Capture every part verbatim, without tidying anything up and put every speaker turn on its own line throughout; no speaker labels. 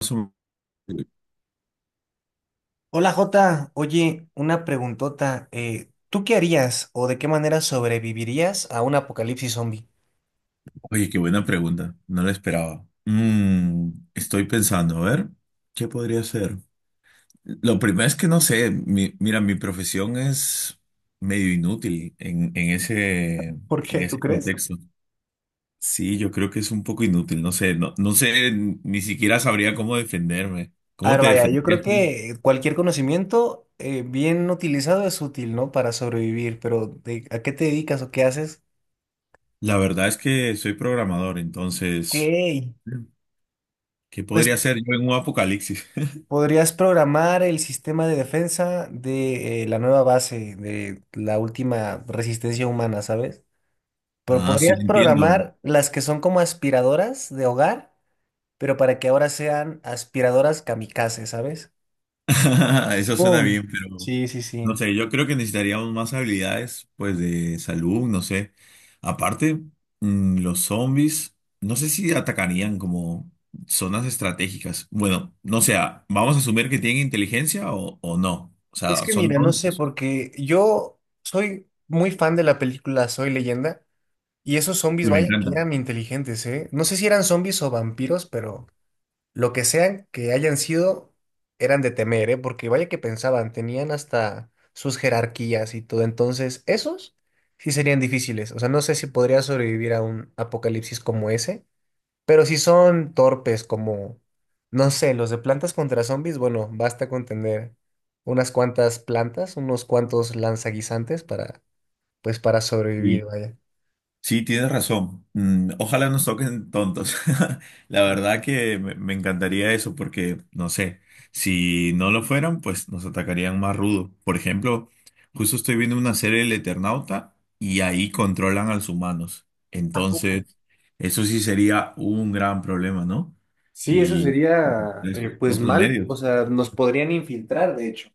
su-
Hola Jota, oye, una preguntota. Eh, ¿tú qué harías o de qué manera sobrevivirías a un apocalipsis zombie?
Oye, qué buena pregunta. No la esperaba. Mm, estoy pensando, a ver, ¿qué podría ser? Lo primero es que no sé. Mi- mira, mi profesión es medio inútil en, en ese, en
¿Por qué? ¿Tú
ese
crees?
contexto. Sí, yo creo que es un poco inútil. No sé, no, no sé, ni siquiera sabría cómo defenderme.
A
¿Cómo
ver,
te
vaya, yo creo
defendías tú?
que cualquier conocimiento eh, bien utilizado es útil, ¿no? Para sobrevivir, pero de- ¿a qué te dedicas o qué haces?
La verdad es que soy programador,
Ok,
entonces, ¿qué
pues
podría ser yo en un apocalipsis?
podrías programar el sistema de defensa de eh, la nueva base, de la última resistencia humana, ¿sabes? Pero
Ah, sí,
podrías
entiendo.
programar las que son como aspiradoras de hogar, pero para que ahora sean aspiradoras kamikaze, ¿sabes?
Eso suena
¡Pum!
bien, pero
Sí, sí,
no
sí.
sé, yo creo que necesitaríamos más habilidades, pues de salud, no sé. Aparte, mm, los zombies, no sé si atacarían como zonas estratégicas. Bueno, no sé, ah, vamos a asumir que tienen inteligencia o, o no. O
Es
sea,
que
son
mira, no sé,
tontos.
porque yo soy muy fan de la película Soy Leyenda y esos zombies,
Uy, me
vaya, que
encanta.
eran inteligentes, ¿eh? No sé si eran zombies o vampiros, pero lo que sean que hayan sido, eran de temer, ¿eh? Porque vaya que pensaban, tenían hasta sus jerarquías y todo. Entonces, esos sí serían difíciles. O sea, no sé si podría sobrevivir a un apocalipsis como ese. Pero si son torpes como, no sé, los de plantas contra zombies, bueno, basta con tener unas cuantas plantas, unos cuantos lanzaguisantes para, pues, para sobrevivir, vaya.
Sí, tienes razón. Mm, ojalá nos toquen tontos. La verdad que me, me encantaría eso porque, no sé, si no lo fueran, pues nos atacarían más rudo. Por ejemplo, justo estoy viendo una serie del Eternauta y ahí controlan a los humanos.
¿A
Entonces,
poco?
eso sí sería un gran problema, ¿no?
Sí, eso
Y
sería
eso,
eh, pues
otros
mal, o
medios.
sea, nos podrían infiltrar, de hecho.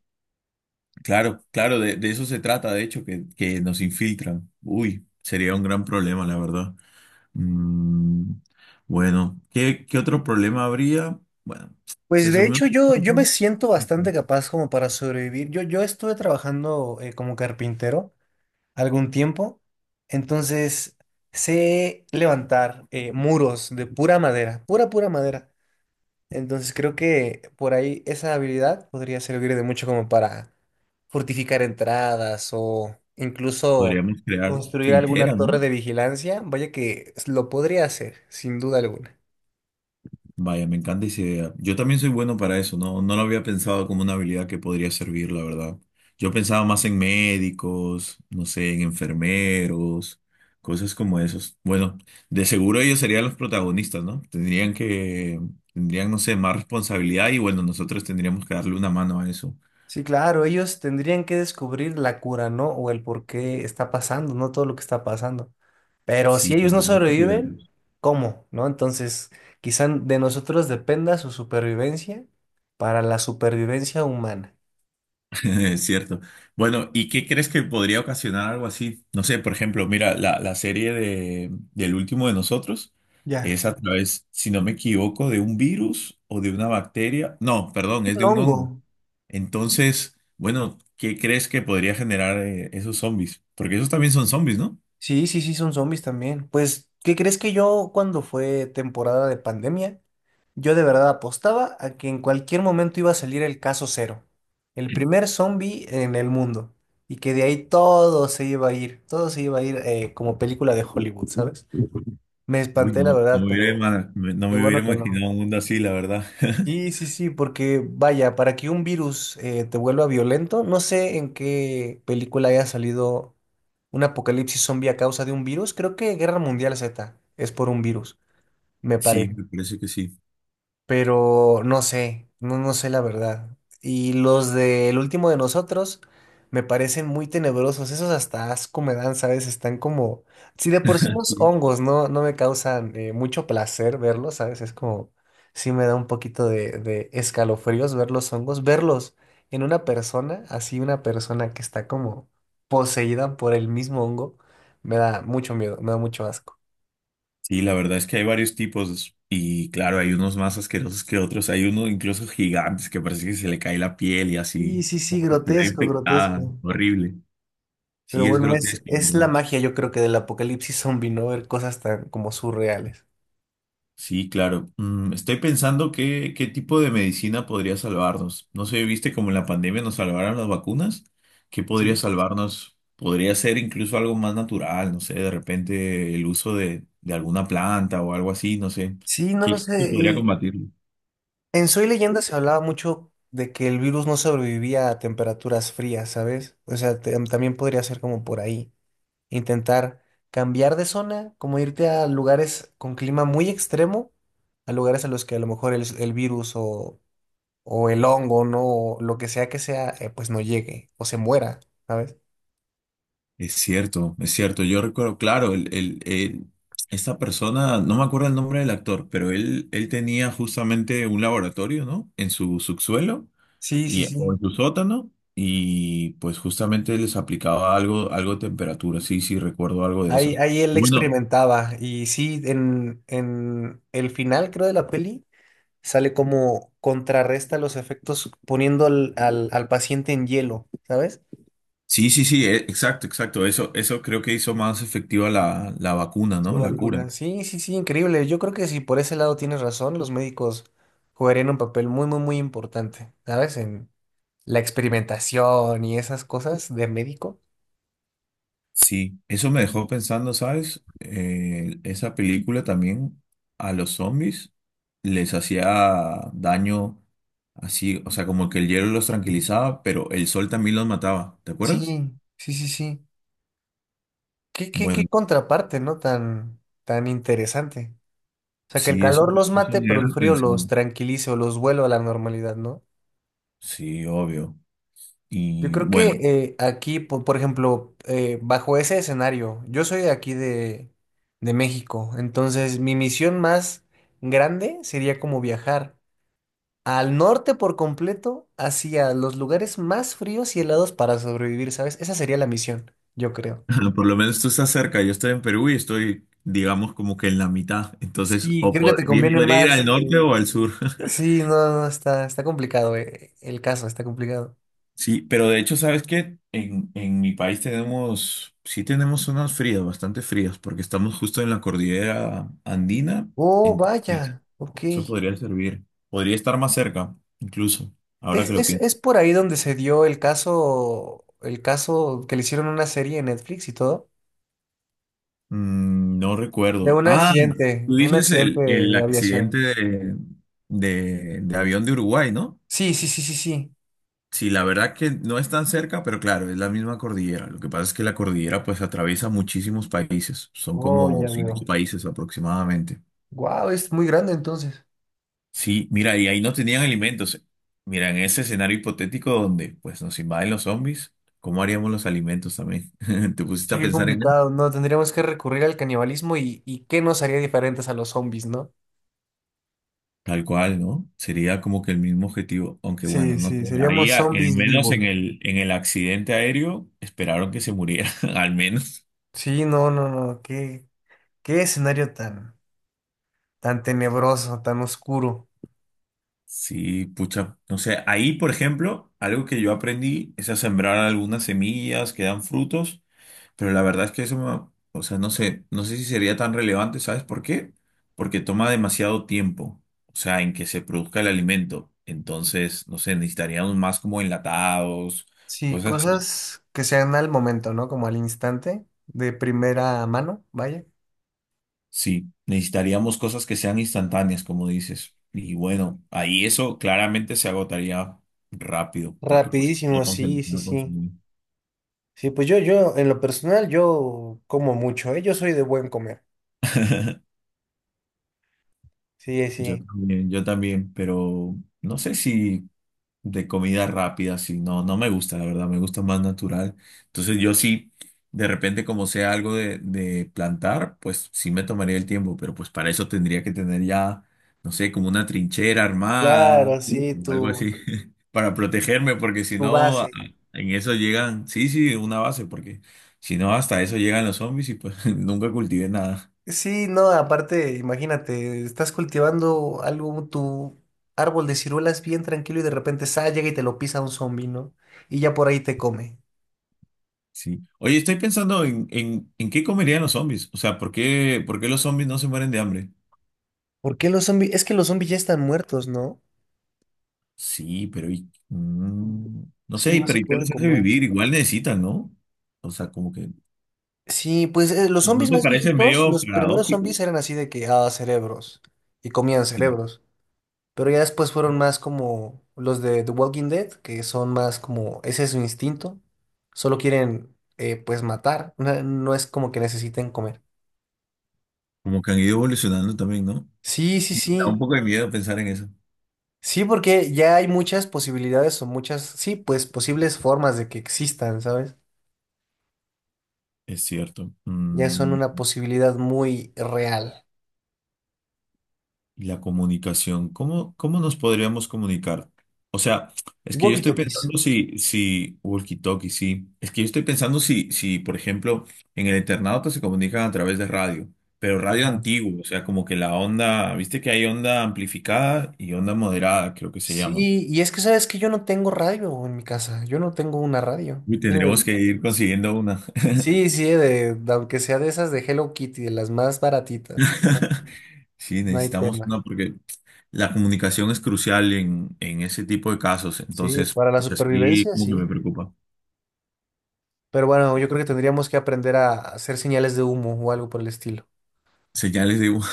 Claro, claro, de, de eso se trata, de hecho, que, que nos infiltran. Uy, sería un gran problema, la verdad. Mm, bueno, ¿qué, qué otro problema habría? Bueno, se
Pues de
asumimos
hecho yo, yo me siento bastante capaz como para sobrevivir. Yo, yo estuve trabajando eh, como carpintero algún tiempo, entonces sé levantar eh, muros de pura madera, pura, pura madera. Entonces creo que por ahí esa habilidad podría servir de mucho como para fortificar entradas o incluso
podríamos crear
construir alguna
trincheras,
torre
¿no?
de vigilancia. Vaya que lo podría hacer, sin duda alguna.
Vaya, me encanta esa idea. Yo también soy bueno para eso, ¿no? No lo había pensado como una habilidad que podría servir, la verdad. Yo pensaba más en médicos, no sé, en enfermeros, cosas como esos. Bueno, de seguro ellos serían los protagonistas, ¿no? Tendrían que, tendrían, no sé, más responsabilidad y bueno, nosotros tendríamos que darle una mano a eso.
Sí, claro, ellos tendrían que descubrir la cura, ¿no? O el por qué está pasando, no todo lo que está pasando. Pero si
Sí,
ellos no sobreviven, ¿cómo? ¿No? Entonces, quizá de nosotros dependa su supervivencia para la supervivencia humana.
es cierto. Bueno, ¿y qué crees que podría ocasionar algo así? No sé, por ejemplo, mira, la, la serie de, del último de nosotros
Ya.
es a través, si no me equivoco, de un virus o de una bacteria. No, perdón, es
Un
de un
hongo.
hongo. Entonces, bueno, ¿qué crees que podría generar eh, esos zombies? Porque esos también son zombies, ¿no?
Sí, sí, sí, son zombies también. Pues, ¿qué crees que yo cuando fue temporada de pandemia, yo de verdad apostaba a que en cualquier momento iba a salir el caso cero, el primer zombie en el mundo, y que de ahí todo se iba a ir, todo se iba a ir eh, como película de Hollywood, ¿sabes? Me
Uy,
espanté, la
no, no
verdad,
me hubiera,
pero
ima- no
qué
me hubiera
bueno que no.
imaginado un mundo así, la verdad.
Sí, sí, sí, porque vaya, para que un virus eh, te vuelva violento, no sé en qué película haya salido un apocalipsis zombie a causa de un virus, creo que Guerra Mundial Z es por un virus, me
Sí,
parece,
me parece que sí.
pero no sé, no, no sé la verdad. Y los del último de nosotros me parecen muy tenebrosos, esos hasta asco me dan, ¿sabes? Están como, si de por sí los hongos no, no me causan eh, mucho placer verlos, ¿sabes? Es como, sí me da un poquito de, de escalofríos ver los hongos, verlos en una persona, así una persona que está como poseída por el mismo hongo, me da mucho miedo, me da mucho asco.
Sí, la verdad es que hay varios tipos y claro, hay unos más asquerosos que otros. Hay uno incluso gigantes que parece que se le cae la piel y así,
Y sí, sí,
como si estuviera
grotesco,
infectada,
grotesco.
horrible.
Pero
Sí, es
bueno, es,
grotesco,
es la
¿no?
magia, yo creo que del apocalipsis zombie, ¿no? Ver cosas tan como surreales.
Sí, claro. Mm, estoy pensando qué, qué tipo de medicina podría salvarnos. No sé, viste como en la pandemia nos salvaron las vacunas. ¿Qué podría
Sí.
salvarnos? Podría ser incluso algo más natural, no sé, de repente el uso de, de alguna planta o algo así, no sé.
Sí, no
¿Qué
lo
qué podría
sé. eh,
combatirlo?
En Soy Leyenda se hablaba mucho de que el virus no sobrevivía a temperaturas frías, ¿sabes? O sea, te- también podría ser como por ahí. Intentar cambiar de zona, como irte a lugares con clima muy extremo, a lugares a los que a lo mejor el, el virus o, o el hongo, ¿no? O lo que sea que sea, eh, pues no llegue o se muera, ¿sabes?
Es cierto, es cierto. Yo recuerdo, claro, el, el, el- esta persona, no me acuerdo el nombre del actor, pero él, él tenía justamente un laboratorio, ¿no? En su subsuelo
Sí, sí,
y, o
sí.
en su sótano, y pues justamente les aplicaba algo, algo de temperatura. Sí, sí, recuerdo algo de
Ahí,
eso.
ahí él
Bueno,
experimentaba y sí, en, en el final creo de la peli sale como contrarresta los efectos poniendo al, al, al paciente en hielo, ¿sabes?
sí, sí, sí, e- exacto, exacto. Eso, eso creo que hizo más efectiva la, la vacuna,
Su
¿no? La cura.
vacuna. Sí, sí, sí, increíble. Yo creo que si por ese lado tienes razón, los médicos jugarían un papel muy, muy, muy importante, ¿sabes? En la experimentación y esas cosas de médico.
Sí, eso me dejó pensando, ¿sabes? Eh, esa película también a los zombies les hacía daño así, o sea, como que el hielo los tranquilizaba, pero el sol también los mataba, ¿te acuerdas?
Sí, sí, sí, sí. Qué, qué, qué
Bueno,
contraparte, ¿no? Tan, tan interesante. O sea, que el
sí, eso,
calor los
eso
mate,
me
pero el
deja
frío los
pensando.
tranquilice o los vuelva a la normalidad, ¿no?
Sí, obvio.
Yo
Y
creo que
bueno,
eh, aquí, po- por, ejemplo, eh, bajo ese escenario, yo soy de aquí de, de México, entonces mi misión más grande sería como viajar al norte por completo, hacia los lugares más fríos y helados para sobrevivir, ¿sabes? Esa sería la misión, yo creo.
por lo menos tú estás cerca, yo estoy en Perú y estoy, digamos, como que en la mitad, entonces
Sí,
o
creo que
po-
te
bien
conviene
podría ir
más.
al norte
Eh,
o al sur.
sí, no, no, está, está complicado, eh, el caso, está complicado.
Sí, pero de hecho, ¿sabes qué? En, en mi país tenemos, sí tenemos zonas frías, bastante frías, porque estamos justo en la cordillera andina,
Oh,
entonces
vaya, ok.
eso podría servir. Podría estar más cerca, incluso, ahora que
Es,
lo
es,
pienso.
es por ahí donde se dio el caso, el caso que le hicieron una serie en Netflix y todo,
Mm, no
de
recuerdo.
un
Ah,
accidente,
tú
un
dices
accidente
el, el
de
accidente
aviación.
de, de, de avión de Uruguay, ¿no?
Sí, sí, sí, sí, sí.
Sí, la verdad que no es tan cerca, pero claro, es la misma cordillera. Lo que pasa es que la cordillera pues atraviesa muchísimos países. Son
Oh,
como
ya
cinco
veo.
países aproximadamente.
Wow, es muy grande entonces.
Sí, mira, y ahí no tenían alimentos. Mira, en ese escenario hipotético donde pues nos invaden los zombies, ¿cómo haríamos los alimentos también? ¿Te pusiste
Sí,
a
qué
pensar en eso?
complicado. No, tendríamos que recurrir al canibalismo y, y qué nos haría diferentes a los zombies, ¿no?
Tal cual, ¿no? Sería como que el mismo objetivo, aunque
Sí,
bueno, no
sí,
sé. Ahí,
seríamos
a- al
zombies
menos en
vivos.
el, en el accidente aéreo, esperaron que se muriera, al menos.
Sí, no, no, no. Qué, qué escenario tan, tan tenebroso, tan oscuro.
Sí, pucha. No sé, ahí, por ejemplo, algo que yo aprendí es a sembrar algunas semillas que dan frutos. Pero la verdad es que eso, me- o sea, no sé, no sé si sería tan relevante, ¿sabes por qué? Porque toma demasiado tiempo, o sea, en que se produzca el alimento. Entonces, no sé, necesitaríamos más como enlatados,
Sí,
cosas así.
cosas que sean al momento, ¿no? Como al instante, de primera mano, vaya.
Sí, necesitaríamos cosas que sean instantáneas, como dices. Y bueno, ahí eso claramente se agotaría rápido, porque pues lo
Rapidísimo,
vamos a
sí, sí,
empezar a
sí.
consumir.
Sí, pues yo, yo, en lo personal, yo como mucho, ¿eh? Yo soy de buen comer. Sí,
Yo
sí.
también, yo también, pero no sé si de comida rápida, sí, no, no me gusta, la verdad, me gusta más natural. Entonces yo sí, de repente como sea algo de, de plantar, pues sí me tomaría el tiempo, pero pues para eso tendría que tener ya, no sé, como una trinchera armada
Claro, sí,
o algo
tu,
así, para protegerme, porque si
tu
no, a-
base.
en eso llegan, sí, sí, una base, porque si no, hasta eso llegan los zombies y pues nunca cultivé nada.
Sí, no, aparte, imagínate, estás cultivando algo, tu árbol de ciruelas bien tranquilo y de repente sa llega y te lo pisa un zombi, ¿no? Y ya por ahí te come.
Sí. Oye, estoy pensando en, en, en qué comerían los zombies. O sea, ¿por qué, por qué los zombies no se mueren de hambre?
¿Por qué los zombies? Es que los zombies ya están muertos, ¿no?
Sí, pero y- mm, no
Sí,
sé,
no se
pero ¿y qué
pueden
les hace
comer.
vivir? Igual necesitan, ¿no? O sea, como que
Sí, pues eh, los
¿no no
zombies
te
más
parece
viejitos,
medio
los primeros
paradójico?
zombies eran así de que, ah, cerebros, y comían
Sí.
cerebros, pero ya después fueron más como los de The Walking Dead, que son más como, ese es su instinto, solo quieren, eh, pues, matar, no, no es como que necesiten comer.
Como que han ido evolucionando también, ¿no?
Sí, sí,
Da
sí,
un poco de miedo pensar en eso.
sí, porque ya hay muchas posibilidades o muchas, sí, pues, posibles formas de que existan, ¿sabes?
Es cierto.
Ya son
Mm,
una posibilidad muy real.
y la comunicación, ¿cómo, cómo nos podríamos comunicar? O sea, es que yo estoy
Walkie-talkies.
pensando si, si, walkie-talkie, sí. Es que yo estoy pensando si, si, por ejemplo, en el Eternauta se comunican a través de radio, pero radio antiguo, o sea, como que la onda, viste que hay onda amplificada y onda moderada, creo que se llaman.
Sí, y es que sabes que yo no tengo radio en mi casa, yo no tengo una radio.
Uy, tendremos
Tiene-
que ir consiguiendo una.
Sí, sí, de, de- aunque sea de esas de Hello Kitty, de las más baratitas, no,
Sí,
no hay
necesitamos
tema.
una porque la comunicación es crucial en, en ese tipo de casos,
Sí,
entonces,
para la
así
supervivencia,
como que
sí.
me preocupa.
Pero bueno, yo creo que tendríamos que aprender a hacer señales de humo o algo por el estilo,
Señales de... humo.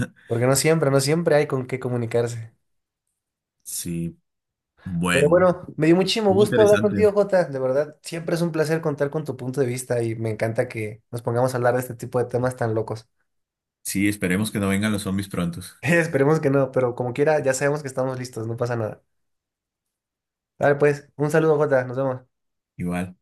porque no siempre, no siempre hay con qué comunicarse.
Sí,
Pero
bueno,
bueno, me dio muchísimo
muy
gusto hablar
interesante.
contigo, Jota. De verdad, siempre es un placer contar con tu punto de vista y me encanta que nos pongamos a hablar de este tipo de temas tan locos.
Sí, esperemos que no vengan los zombies prontos.
Esperemos que no, pero como quiera, ya sabemos que estamos listos, no pasa nada. Dale, pues, un saludo, Jota, nos vemos.
Igual.